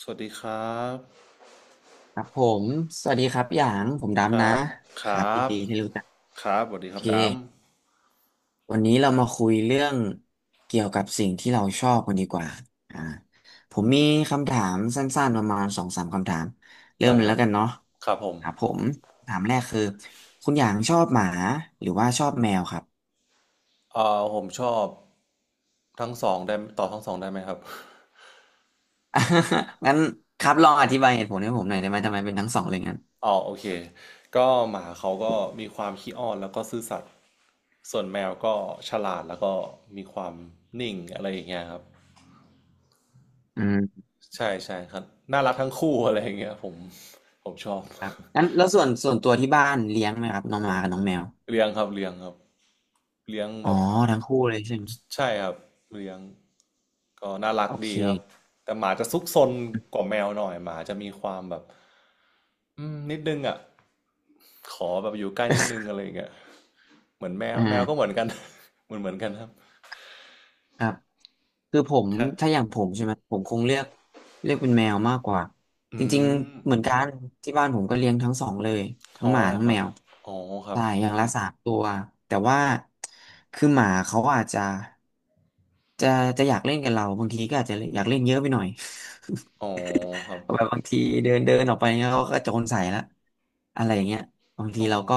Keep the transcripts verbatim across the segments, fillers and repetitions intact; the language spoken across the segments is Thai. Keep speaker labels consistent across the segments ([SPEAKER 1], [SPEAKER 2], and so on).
[SPEAKER 1] สวัสดีครับ
[SPEAKER 2] ครับผมสวัสดีครับพี่หยางผม
[SPEAKER 1] ค
[SPEAKER 2] ดำ
[SPEAKER 1] รั
[SPEAKER 2] นะ
[SPEAKER 1] บค
[SPEAKER 2] ค
[SPEAKER 1] ร
[SPEAKER 2] รับ
[SPEAKER 1] ั
[SPEAKER 2] ยิน
[SPEAKER 1] บ
[SPEAKER 2] ดีที่รู้จัก
[SPEAKER 1] ครับสวัสดี
[SPEAKER 2] โอ
[SPEAKER 1] ครั
[SPEAKER 2] เค
[SPEAKER 1] บด
[SPEAKER 2] วันนี้เรามาคุยเรื่องเกี่ยวกับสิ่งที่เราชอบกันดีกว่าอ่า ผมมีคำถามสั้นๆประมาณสองสามคำถาม
[SPEAKER 1] ำ
[SPEAKER 2] เริ่ม
[SPEAKER 1] ได้
[SPEAKER 2] เลย
[SPEAKER 1] ครั
[SPEAKER 2] แล้
[SPEAKER 1] บ
[SPEAKER 2] วกันเนาะ
[SPEAKER 1] ครับผม
[SPEAKER 2] ครับผมถามแรกคือคุณหยางชอบหมาหรือว่าชอบแมวครับ
[SPEAKER 1] เอ่อผมชอบทั้งสองได้ต่อทั้งสองได้ไหมครับ
[SPEAKER 2] งั้นครับลองอธิบายเหตุผลให้ผมหน่อยได้ไหมทำไมเป็นทั้งสองเลยงั้น
[SPEAKER 1] อ๋อโอเคก็หมาเขาก็มีความขี้อ้อนแล้วก็ซื่อสัตย์ส่วนแมวก็ฉลาดแล้วก็มีความนิ่งอะไรอย่างเงี้ยครับ
[SPEAKER 2] อืม
[SPEAKER 1] ใช่ใช่ครับน่ารักทั้งคู่อะไรอย่างเงี้ยผมผมชอบ
[SPEAKER 2] ครับงั้นแล้วส่วนส่วนตัวที่บ้านเลี้ยงไหมครับน้องหมากับน้องแมว
[SPEAKER 1] เลี้ยงครับเลี้ยงครับเลี้ยง
[SPEAKER 2] อ๋
[SPEAKER 1] แบ
[SPEAKER 2] อ
[SPEAKER 1] บ
[SPEAKER 2] ทั้งคู่เลยใช่ไหม
[SPEAKER 1] ใช่ครับเลี้ยงก็น่ารัก
[SPEAKER 2] โอเค
[SPEAKER 1] ดีครับแต่หมาจะซุกซนกว่าแมวหน่อยหมาจะมีความแบบอืมนิดนึงอ่ะขอแบบอยู่ใกล้นิดนึงอะไรอย่างเงี้ยเหมือนแมว
[SPEAKER 2] อ่
[SPEAKER 1] แมวก็เหมื
[SPEAKER 2] า
[SPEAKER 1] อนกัน เหมือนเหมือนกันครับ
[SPEAKER 2] ครับคือผม
[SPEAKER 1] ครั
[SPEAKER 2] ถ้าอ
[SPEAKER 1] บ
[SPEAKER 2] ย่างผมใช่ไหมผมคงเลือกเลือกเป็นแมวมากกว่า จ
[SPEAKER 1] อื
[SPEAKER 2] ริง
[SPEAKER 1] ม
[SPEAKER 2] ๆเหมือนกันที่บ้านผมก็เลี้ยงทั้งสองเลยทั้ง
[SPEAKER 1] อ๋อ
[SPEAKER 2] หมาทั้ง
[SPEAKER 1] ครั
[SPEAKER 2] แม
[SPEAKER 1] บ
[SPEAKER 2] ว
[SPEAKER 1] อ๋อครับ
[SPEAKER 2] ใช่อย่างละสามตัวแต่ว่าคือหมาเขาอาจจะจะจะอยากเล่นกับเรา บางทีก็อาจจะอยากเล่นเยอะไปหน่อย
[SPEAKER 1] อ๋อครับ
[SPEAKER 2] แบบบางทีเดินเดินออกไปเงี้ยเขาก็โจรใส่ละอะไรอย่างเงี้ยบางที
[SPEAKER 1] อ๋อ
[SPEAKER 2] เราก็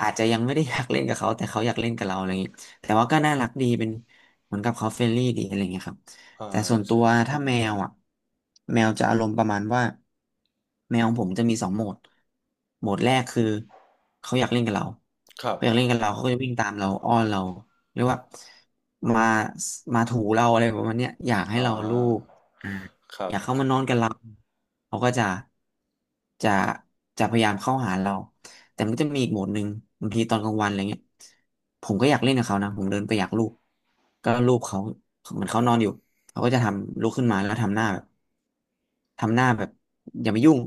[SPEAKER 2] อาจจะยังไม่ได้ อยากเล่นกับเขาแต่เขาอยากเล่นกับเราอะไรอย่างงี้ แต่ว่าก็น่ารักดีเป็นเหมือนกับเขาเฟรนลี่ดีอะไรเงี้ยครับ
[SPEAKER 1] อ่า
[SPEAKER 2] แต่ส่วนตั
[SPEAKER 1] ใช่
[SPEAKER 2] ว
[SPEAKER 1] ใช่
[SPEAKER 2] ถ้าแมวอ่ะแมวจะอารมณ์ประมาณว่าแมวของผมจะมีสองโหมดโหมดแรกคือเขาอยากเล่นกับเรา
[SPEAKER 1] ครับ
[SPEAKER 2] เขาอยากเล่นกับเราเขาก็จะวิ่งตามเราอ้อนเราเรียกว่ามามาถูเราอะไรประมาณเนี้ยอยากให้
[SPEAKER 1] อ่า
[SPEAKER 2] เราลูบ
[SPEAKER 1] ครั
[SPEAKER 2] อ
[SPEAKER 1] บ
[SPEAKER 2] ยากเข้ามานอนกับเราเขาก็จะจะจะพยายามเข้าหาเราแต่มันก็จะมีอีกโหมดหนึ่งบางทีตอนกลางวันอะไรเงี้ยผมก็อยากเล่นกับเขานะผมเดินไปอยากลูบก็ลูบเขาเหมือนเขานอนอยู่เขาก็จะทำลุกขึ้นมาแล้วทำหน้าแบบทำหน้าแบบอย่ามายุ่ง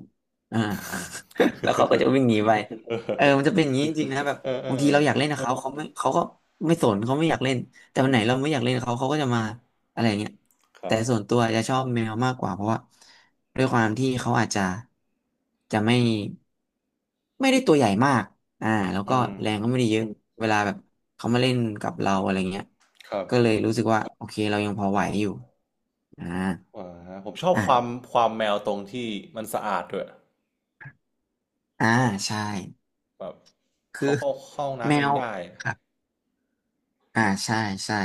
[SPEAKER 2] อ่า แล้วเขาก็จะวิ่งหนี ไปเออมันจะเป็นอย่างนี้จริงๆนะแบบ
[SPEAKER 1] เออเอ
[SPEAKER 2] บาง
[SPEAKER 1] อ
[SPEAKER 2] ที
[SPEAKER 1] เออ
[SPEAKER 2] เราอยากเล่นกับเขาเขาไม่เขาก็ไม่สนเขาไม่อยากเล่นแต่วันไหนเราไม่อยากเล่นกับเขาเขาก็จะมา อะไรเงี้ย
[SPEAKER 1] ครั
[SPEAKER 2] แต่
[SPEAKER 1] บ
[SPEAKER 2] ส่วนตัวจะชอบแมวมากกว่าเพราะว่าด้วยความที่เขาอาจจะจะไม่ไม่ได้ตัวใหญ่มากอ่าแล้วก็
[SPEAKER 1] อืม
[SPEAKER 2] แรงก็ไม่ได้เยอะ เวลาแบบเขามาเล่นกับเราอะไรเงี้ย
[SPEAKER 1] ครับ
[SPEAKER 2] ก็เลยรู้สึกว่าโอเคเรายังพอไหวอยู่อ่า
[SPEAKER 1] อ่าฮะผมชอบความ
[SPEAKER 2] อ่า
[SPEAKER 1] ความแมวตรงที่มันสะอาดด้วย
[SPEAKER 2] อ่า ใช่
[SPEAKER 1] แบบ
[SPEAKER 2] คื
[SPEAKER 1] เขา
[SPEAKER 2] อ
[SPEAKER 1] เข้าเข้าห้อง
[SPEAKER 2] แม
[SPEAKER 1] น้ำเอง
[SPEAKER 2] ว
[SPEAKER 1] ได้
[SPEAKER 2] ครับอ่าใช่ใช่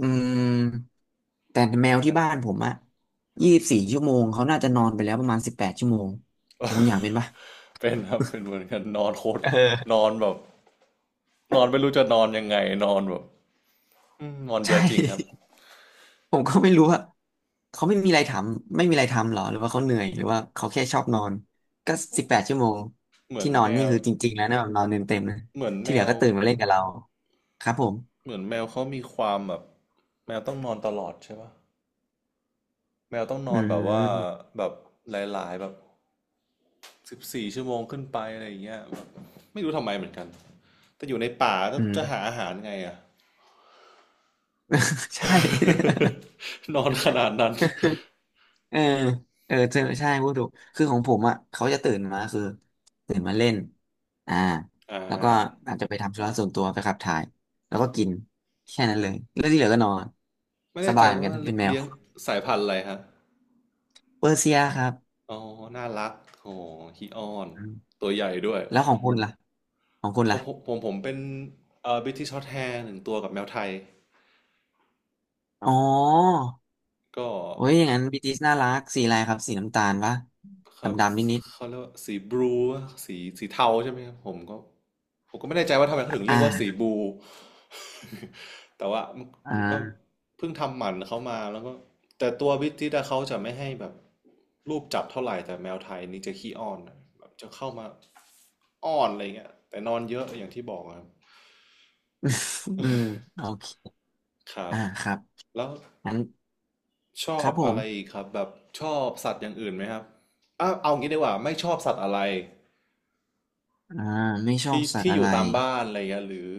[SPEAKER 2] อืมแต่แมว
[SPEAKER 1] ค
[SPEAKER 2] ที่
[SPEAKER 1] รับ
[SPEAKER 2] บ้านผมอะยี่สิบสี่ชั่วโมง เขาน่าจะนอนไปแล้วประมาณสิบแปดชั่วโมงของคุณอยากเป็นปะ
[SPEAKER 1] เป็นครับเป็นเหมือนกันนอนโคตร
[SPEAKER 2] เอ
[SPEAKER 1] น
[SPEAKER 2] อ
[SPEAKER 1] อนแบบนอนไม่รู้จะนอนยังไงนอนแบบอืมนอน เย
[SPEAKER 2] ใช่
[SPEAKER 1] อะจริงครับ
[SPEAKER 2] ผมก็ไม่รู้ว่าเขาไม่มีอะไรทำไม่มีอะไรทำหรอหรือว่าเขาเหนื่อยหรือว่าเขาแค่ชอบนอนก็สิบแปดชั่วโมง
[SPEAKER 1] เหมือ
[SPEAKER 2] ที่
[SPEAKER 1] น
[SPEAKER 2] นอ
[SPEAKER 1] แม
[SPEAKER 2] นนี่
[SPEAKER 1] ว
[SPEAKER 2] คือจริงๆแล้วนะแบบนอนเต็มเต็มนะ
[SPEAKER 1] เหมือนแม
[SPEAKER 2] ที่เหลือ
[SPEAKER 1] ว
[SPEAKER 2] ก็ตื่นมาเล่นกับเราครับผม
[SPEAKER 1] เหมือนแมวเขามีความแบบแมวต้องนอนตลอดใช่ปะแมวต้องน
[SPEAKER 2] อื
[SPEAKER 1] อนแบบว่า
[SPEAKER 2] ม
[SPEAKER 1] แบบหลายๆแบบสิบสี่ชั่วโมงขึ้นไปอะไรอย่างเงี้ยแบบไม่รู้ทำไมเหมือนกัน แต่อยู่ในป่าแล้
[SPEAKER 2] อื
[SPEAKER 1] ว
[SPEAKER 2] ม
[SPEAKER 1] จะหาอาหารไงอะ
[SPEAKER 2] ใช่
[SPEAKER 1] นอนขนาดนั้น
[SPEAKER 2] เออ เออเจอใช่พูดถูก คือของผมอ่ะเขาจะตื่นมาคือตื่นมาเล่น อ่า
[SPEAKER 1] อ่า
[SPEAKER 2] แล้วก็อาจจะไปทำธุระส่วนตัวไปขับถ่าย แล้วก็กิน แค่นั้นเลยแล้วที่เหลือก็นอน
[SPEAKER 1] ไม่
[SPEAKER 2] ส
[SPEAKER 1] แน่ใจ
[SPEAKER 2] บายเหมือน
[SPEAKER 1] ว่า
[SPEAKER 2] กัน เป็นแมว
[SPEAKER 1] เลี้ยงสายพันธุ์อะไรฮะ
[SPEAKER 2] เปอร์เซียครับ
[SPEAKER 1] อ๋อน่ารักโหฮีออน
[SPEAKER 2] อืม
[SPEAKER 1] ตัวใหญ่ด้วย
[SPEAKER 2] แล้วของคุณล่ะของคุณ
[SPEAKER 1] เขา
[SPEAKER 2] ล่ะ
[SPEAKER 1] ผมผมผมเป็นเอ่อบิทิชช็อตแฮร์หนึ่งตัวกับแมวไทย
[SPEAKER 2] อ๋อ
[SPEAKER 1] ก็
[SPEAKER 2] โอ้ยอย่างนั้นบีติสน่ารักสีอะไรครับสีน้ำตาลปะ
[SPEAKER 1] ครับ
[SPEAKER 2] ดำดำนิดนิด
[SPEAKER 1] เขาเรียกว่าสีบลูสีสีเทาใช่ไหมครับผมก็ผมก็ไม่แน่ใจว่าทำไมเขาถึง
[SPEAKER 2] ๆ
[SPEAKER 1] เรี
[SPEAKER 2] อ่า
[SPEAKER 1] ยกว่าสีบลู แต่ว่ามั
[SPEAKER 2] อ่า
[SPEAKER 1] นก็เพิ่งทำหมันเขามาแล้วก็แต่ตัววิจิตอะเขาจะไม่ให้แบบรูปจับเท่าไหร่แต่แมวไทยนี่จะขี้อ้อนอะแบบจะเข้ามาอ้อนอะไรเงี้ยแต่นอนเยอะอย่างที่บอกอะครับ
[SPEAKER 2] อืมโอเค
[SPEAKER 1] ครับ
[SPEAKER 2] อ่าครับ
[SPEAKER 1] แล้ว
[SPEAKER 2] งั้น
[SPEAKER 1] ชอ
[SPEAKER 2] ค
[SPEAKER 1] บ
[SPEAKER 2] รับผ
[SPEAKER 1] อะ
[SPEAKER 2] ม
[SPEAKER 1] ไรอีกครับแบบชอบสัตว์อย่างอื่นไหมครับอ่ะเอางี้ดีกว่าไม่ชอบสัตว์อะไร
[SPEAKER 2] อ่าไม่ชอบ
[SPEAKER 1] ที่
[SPEAKER 2] สัตว์
[SPEAKER 1] ที่อ
[SPEAKER 2] อะ
[SPEAKER 1] ยู่
[SPEAKER 2] ไร
[SPEAKER 1] ตามบ้านอะไรเงี้ยหรือ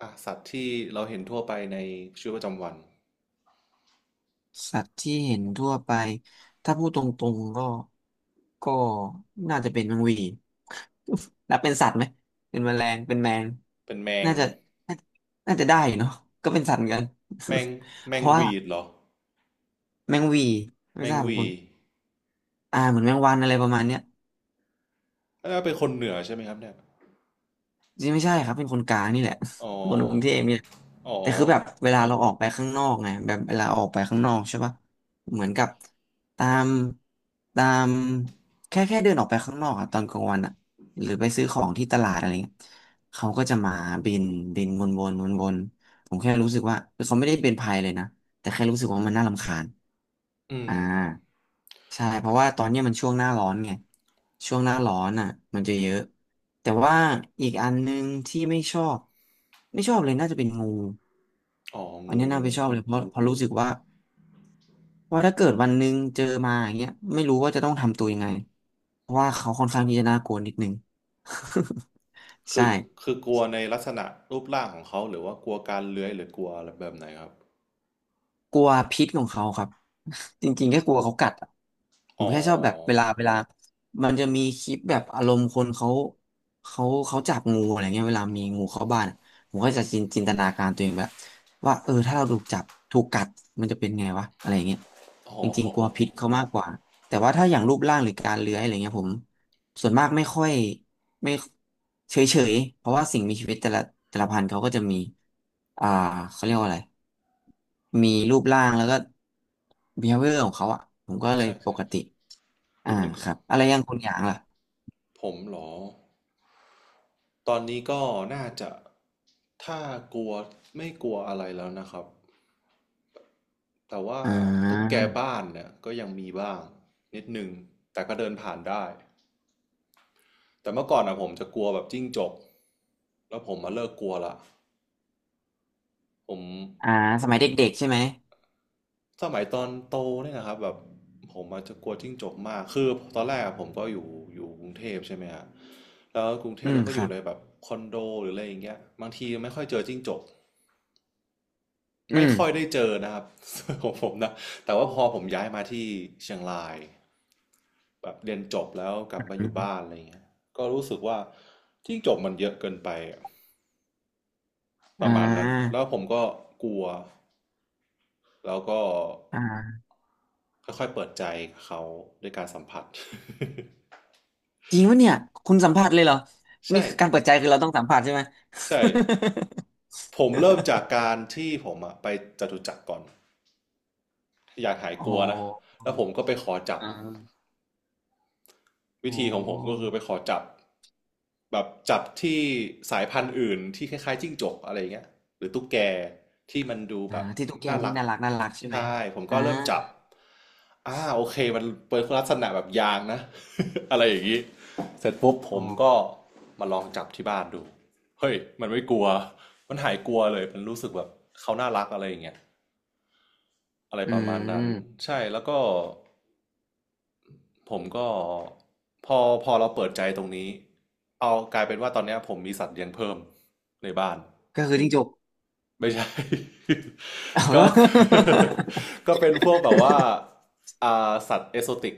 [SPEAKER 1] อ่ะสัตว์ที่เราเห็นทั่วไปในชีวิตประจำวัน
[SPEAKER 2] สัตว์ที่เห็นทั่วไปถ้าพูดตรงๆก็ก็น่าจะเป็นแมงหวี่ นับเป็นสัตว์ไหมเป็นแมลงเป็นแมง
[SPEAKER 1] เป็นแมง
[SPEAKER 2] น่าจะน่าน่าจะได้อยู่เนาะก็เป็นสัตว์เหมือนกัน
[SPEAKER 1] แมง แม
[SPEAKER 2] เพ
[SPEAKER 1] ง
[SPEAKER 2] ราะว่า
[SPEAKER 1] วีดเหรอ
[SPEAKER 2] แมงหวี่
[SPEAKER 1] แม
[SPEAKER 2] ไม่ท
[SPEAKER 1] ง
[SPEAKER 2] ราบ
[SPEAKER 1] วี
[SPEAKER 2] คุณอ่าเหมือนแมงวันอะไรประมาณเนี้ย
[SPEAKER 1] อ่าเป็นคนเหนือใช่ไหมครับเนี่ย
[SPEAKER 2] จริงไม่ใช่ครับเป็นคนกลางนี่แหละ
[SPEAKER 1] อ๋อ
[SPEAKER 2] เป็นคนกรุงเทพเนี่ย
[SPEAKER 1] อ๋อ
[SPEAKER 2] แต่คือแบบเวลาเราออกไปข้างนอกไงแบบเวลาออกไปข้างนอกใช่ปะเหมือนกับตามตามแค่แค่เดินออกไปข้างนอกอะตอนกลางวันอะหรือไปซื้อของที่ตลาดอะไรเงี้ยเขาก็จะมาบินบินวนวนวนวนผมแค่รู้สึกว่าคือเขาไม่ได้เป็นภัยเลยนะแต่แค่รู้สึกว่ามันน่ารำคาญ
[SPEAKER 1] อืม
[SPEAKER 2] อ่า ใช่เพราะว่าตอนเนี้ยมันช่วงหน้าร้อนไงช่วงหน้าร้อนอ่ะมันจะเยอะแต่ว่าอีกอันนึงที่ไม่ชอบไม่ชอบเลยน่าจะเป็นงู
[SPEAKER 1] อ๋อ
[SPEAKER 2] อัน
[SPEAKER 1] งู
[SPEAKER 2] เนี้ยน่าไปชอบเลยเพราะเพราะรู้สึกว่าว่าถ้าเกิดวันหนึ่งเจอมาอย่างเงี้ยไม่รู้ว่าจะต้องทำตัวยังไงเพราะว่าเขาค่อนข้างที่จะน่ากลัวนิดนึง
[SPEAKER 1] คื
[SPEAKER 2] ใช่
[SPEAKER 1] อคือกลัวในลักษณะรูปร่างของเขาหรือว่ากลัวการเลื้อยหรือกลัวอะไรแบบไหนครับ
[SPEAKER 2] กลัวพิษของเขาครับ จริงๆแค่กลัวเขากัดอะผม
[SPEAKER 1] อ๋
[SPEAKER 2] แค่ชอบแบบเว
[SPEAKER 1] อ
[SPEAKER 2] ลาเวลามันจะมีคลิปแบบอารมณ์คนเขาเขาเขาจับงูอะไรเงี้ยเวลามีงูเข้าบ้านอะผมก็จะจินจินตนาการตัวเองแบบว่าเออถ้าเราถูกจับถูกกัดมันจะเป็นไงวะอะไรเงี้ย
[SPEAKER 1] อ๋
[SPEAKER 2] จริงๆกลัวพิษ
[SPEAKER 1] อ
[SPEAKER 2] เขามากกว่าแต่ว่าถ้าอย่างรูปร่างหรือการเลื้อยอะไรเงี้ยผม ส่วนมากไม่ค่อยไม่เฉยเฉยเพราะว่าสิ่งมีชีวิตแต่ละแต่ละพันธุ์เขาก็จะมีอ่าเขาเรียกว่าอะไรมีรูปร่างแล้วก็ บีเฮฟเวียร์ ของเขาอ่ะผมก็เลย
[SPEAKER 1] ใช่
[SPEAKER 2] ป
[SPEAKER 1] ใช่
[SPEAKER 2] กติอ่า
[SPEAKER 1] งันก็
[SPEAKER 2] ครับอะไรอยังคุณอย่างล่ะ
[SPEAKER 1] ผมเหรอตอนนี้ก็น่าจะถ้ากลัวไม่กลัวอะไรแล้วนะครับ แต่ว่า
[SPEAKER 2] อ่
[SPEAKER 1] ตุ๊กแก
[SPEAKER 2] า
[SPEAKER 1] บ้านเนี่ยก็ยังมีบ้างนิดนึงแต่ก็เดินผ่านได้ แต่เมื่อก่อนอะผมจะกลัวแบบจิ้งจกแล้วผมมาเลิกกลัวละผม
[SPEAKER 2] อ่าสมัยเด็กๆใช่ไหม
[SPEAKER 1] สมัยตอนโตเนี่ยนะครับแบบผมอาจจะกลัวจิ้งจกมากคือตอนแรกอะผมก็อยู่อยู่กรุงเทพใช่ไหมฮะแล้วกรุงเท
[SPEAKER 2] อื
[SPEAKER 1] พ
[SPEAKER 2] ม
[SPEAKER 1] เราก็
[SPEAKER 2] ค
[SPEAKER 1] อ
[SPEAKER 2] รั
[SPEAKER 1] ยู่
[SPEAKER 2] บ
[SPEAKER 1] ในแบบคอนโดหรืออะไรอย่างเงี้ยบางทีไม่ค่อยเจอจิ้งจก
[SPEAKER 2] อื
[SPEAKER 1] ไม่
[SPEAKER 2] ม
[SPEAKER 1] ค่อยได้เจอนะครับ ของผมนะแต่ว่าพอผมย้ายมาที่เชียงรายแบบเรียนจบแล้วกลับมาอ
[SPEAKER 2] อื
[SPEAKER 1] ยู่
[SPEAKER 2] ม
[SPEAKER 1] บ้านอะไรอย่างเงี้ยก็รู้สึกว่าจิ้งจกมันเยอะเกินไปอะป
[SPEAKER 2] อ่
[SPEAKER 1] ระมาณนั้น
[SPEAKER 2] า
[SPEAKER 1] แล้วผมก็กลัว แล้วก็
[SPEAKER 2] อ่า
[SPEAKER 1] ค่อยๆเปิดใจกับเขาด้วยการสัมผัส
[SPEAKER 2] จริงวะเนี่ยคุณสัมผัสเลยเหรอ นี่
[SPEAKER 1] ใช่
[SPEAKER 2] คือการเปิดใจคือเราต้องสัมผัสใช่ไหม
[SPEAKER 1] ใช่ผมเริ่มจากการที่ผมอะไปจตุจักรก่อนอยากหาย
[SPEAKER 2] อ๋อ
[SPEAKER 1] กลัวนะ
[SPEAKER 2] อ๋อ
[SPEAKER 1] แล้วผมก็ไปขอจับ วิ
[SPEAKER 2] อ๋อ
[SPEAKER 1] ธีของผมก็คือไปขอจับแบบจับที่สายพันธุ์อื่นที่คล้ายๆจิ้งจกอะไรเงี้ยหรือตุ๊กแกที่มันดู
[SPEAKER 2] อ่า
[SPEAKER 1] แบบ
[SPEAKER 2] ที่ตุ๊กแก
[SPEAKER 1] น่า
[SPEAKER 2] ที่
[SPEAKER 1] รัก
[SPEAKER 2] น่ารักน่ารักใช่ไหม
[SPEAKER 1] ใช่ผมก็
[SPEAKER 2] อ่า
[SPEAKER 1] เริ่มจับอ่าโอเคมันเป็นลักษณะแบบยางนะ อะไรอย่างนี้เสร็จปุ๊บผ
[SPEAKER 2] อ๋
[SPEAKER 1] มก็
[SPEAKER 2] อ
[SPEAKER 1] มาลองจับที่บ้านดูเฮ้ยมันไม่กลัวมันหายกลัวเลยมันรู้สึกแบบเขาน่ารักอะไรอย่างเงี้ยอะไร
[SPEAKER 2] อื
[SPEAKER 1] ประมาณนั้น
[SPEAKER 2] ม
[SPEAKER 1] ใช่แล้วก็ ผมก็พอพอเราเปิดใจตรงนี้เอากลายเป็นว่าตอนเนี้ยผมมีสัตว์เลี้ยงเพิ่มในบ้าน
[SPEAKER 2] ก็คือจิ้งจก
[SPEAKER 1] ไม่ใช่ ก็ ก็เป็นพวกแบบว่าอ่าสัตว์เอโซติก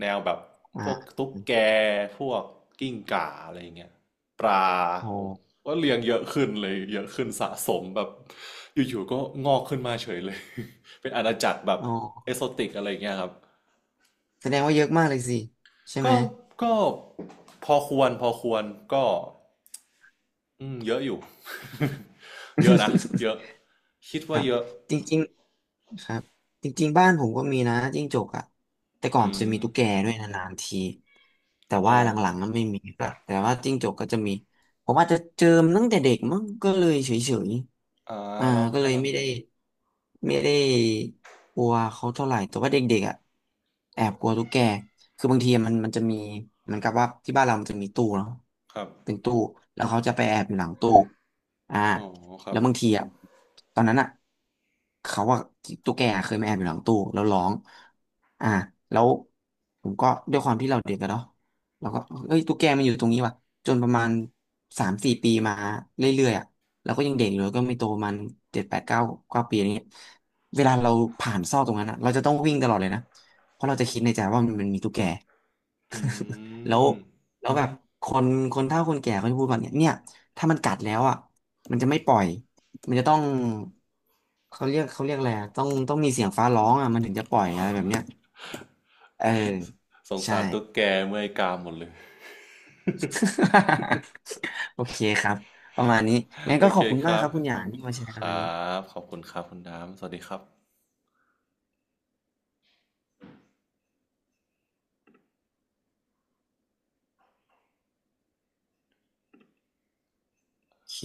[SPEAKER 1] แนวแบบ
[SPEAKER 2] เออ
[SPEAKER 1] พวก
[SPEAKER 2] อ่า
[SPEAKER 1] ตุ๊กแกพวกกิ้งก่าอะไรอย่างเงี้ยปลา
[SPEAKER 2] โอ้
[SPEAKER 1] ผมว่าเลี้ยงเยอะขึ้นเลยเยอะขึ้นสะสมแบบอยู่ๆก็งอกขึ้นมาเฉยเลย เป็นอาณาจักรแบบ
[SPEAKER 2] อ๋อ
[SPEAKER 1] เอโซติกอะไรอย่างเงี้ยครับ
[SPEAKER 2] แสดงว่าเยอะมากเลยสิใช่ไหม
[SPEAKER 1] ก็ก็พอควรพอควรก็อืมเยอะอยู่ เยอะนะเยอะ คิด
[SPEAKER 2] ค
[SPEAKER 1] ว่า
[SPEAKER 2] รับ
[SPEAKER 1] เยอะ
[SPEAKER 2] จริงๆครับจริงๆบ้านผมก็มีนะจิ้งจกอ่ะแต่ก่อ
[SPEAKER 1] อื
[SPEAKER 2] นจะ
[SPEAKER 1] ม
[SPEAKER 2] มีตุ๊กแกด้วยนานๆทีแต่ว่า
[SPEAKER 1] อ๋อ
[SPEAKER 2] หลังๆก็ไม่มีละแต่ว่าจิ้งจกก็จะมีผมอาจจะเจอมันตั้งแต่เด็กมั้งก็เลยเฉย
[SPEAKER 1] อ่า
[SPEAKER 2] ๆอ่า
[SPEAKER 1] เรา
[SPEAKER 2] ก็เล
[SPEAKER 1] ถ้า
[SPEAKER 2] ย
[SPEAKER 1] เรา
[SPEAKER 2] ไม่ได้ไม่ได้กลัวเขาเท่าไหร่แต่ว่าเด็กๆอ่ะแอบกลัวตุ๊กแกคือบางทีมันมันจะมีเหมือนกับว่าที่บ้านเรามันจะมีตู้เนาะ
[SPEAKER 1] ครับ
[SPEAKER 2] เป็นตู้แล้วเขาจะไปแอบอยู่หลังตู้อ่า
[SPEAKER 1] อ๋อครั
[SPEAKER 2] แล้
[SPEAKER 1] บ
[SPEAKER 2] วบางทีอ่ะตอนนั้นอ่ะเขาว่าตุ๊กแกเคยมาแอบอยู่หลังตู้แล้วร้องอ่าแล้วผมก็ด้วยความที่เราเด็กกันเนาะเราก็เอ้ยตุ๊กแกมันอยู่ตรงนี้ว่ะจนประมาณสามสี่ปีมาเรื่อยๆอ่ะเราก็ยังเด็กอยู่แล้วก็ไม่โตประมันเจ็ดแปดเก้าเก้าปีอะไรเงี้ยเวลาเราผ่านซอกตรงนั้นอ่ะเราจะต้องวิ่งตลอดเลยนะเพราะเราจะคิดในใจว่ามันมีตุ๊กแก
[SPEAKER 1] อื
[SPEAKER 2] แล้ว
[SPEAKER 1] ม
[SPEAKER 2] แล้วแบบคนคนเฒ่าคนแก่เขาจะพูดว่าเนี่ยเนี่ยถ้ามันกัดแล้วอ่ะมันจะไม่ปล่อยมันจะต้องเขาเรียกเขาเรียกอะไรอะต้องต้องมีเสียงฟ้าร้องอ่ะมันถึงจะปล่อยอะไรแบบเนี้ยเออ
[SPEAKER 1] สง
[SPEAKER 2] ใช่
[SPEAKER 1] สารตุ๊กแกเมื่อยกามหมดเลย
[SPEAKER 2] โอเคครับประมาณนี้งั้น
[SPEAKER 1] โอ
[SPEAKER 2] ก็ข
[SPEAKER 1] เค
[SPEAKER 2] อบคุณ
[SPEAKER 1] ค
[SPEAKER 2] มาก
[SPEAKER 1] รั
[SPEAKER 2] ค
[SPEAKER 1] บ
[SPEAKER 2] รับคุณหยางที่มาแชร์
[SPEAKER 1] ค
[SPEAKER 2] กันวัน
[SPEAKER 1] รั
[SPEAKER 2] นี้
[SPEAKER 1] บขอบคุณครับคุณน้ำสวัสดีครับ
[SPEAKER 2] โอเค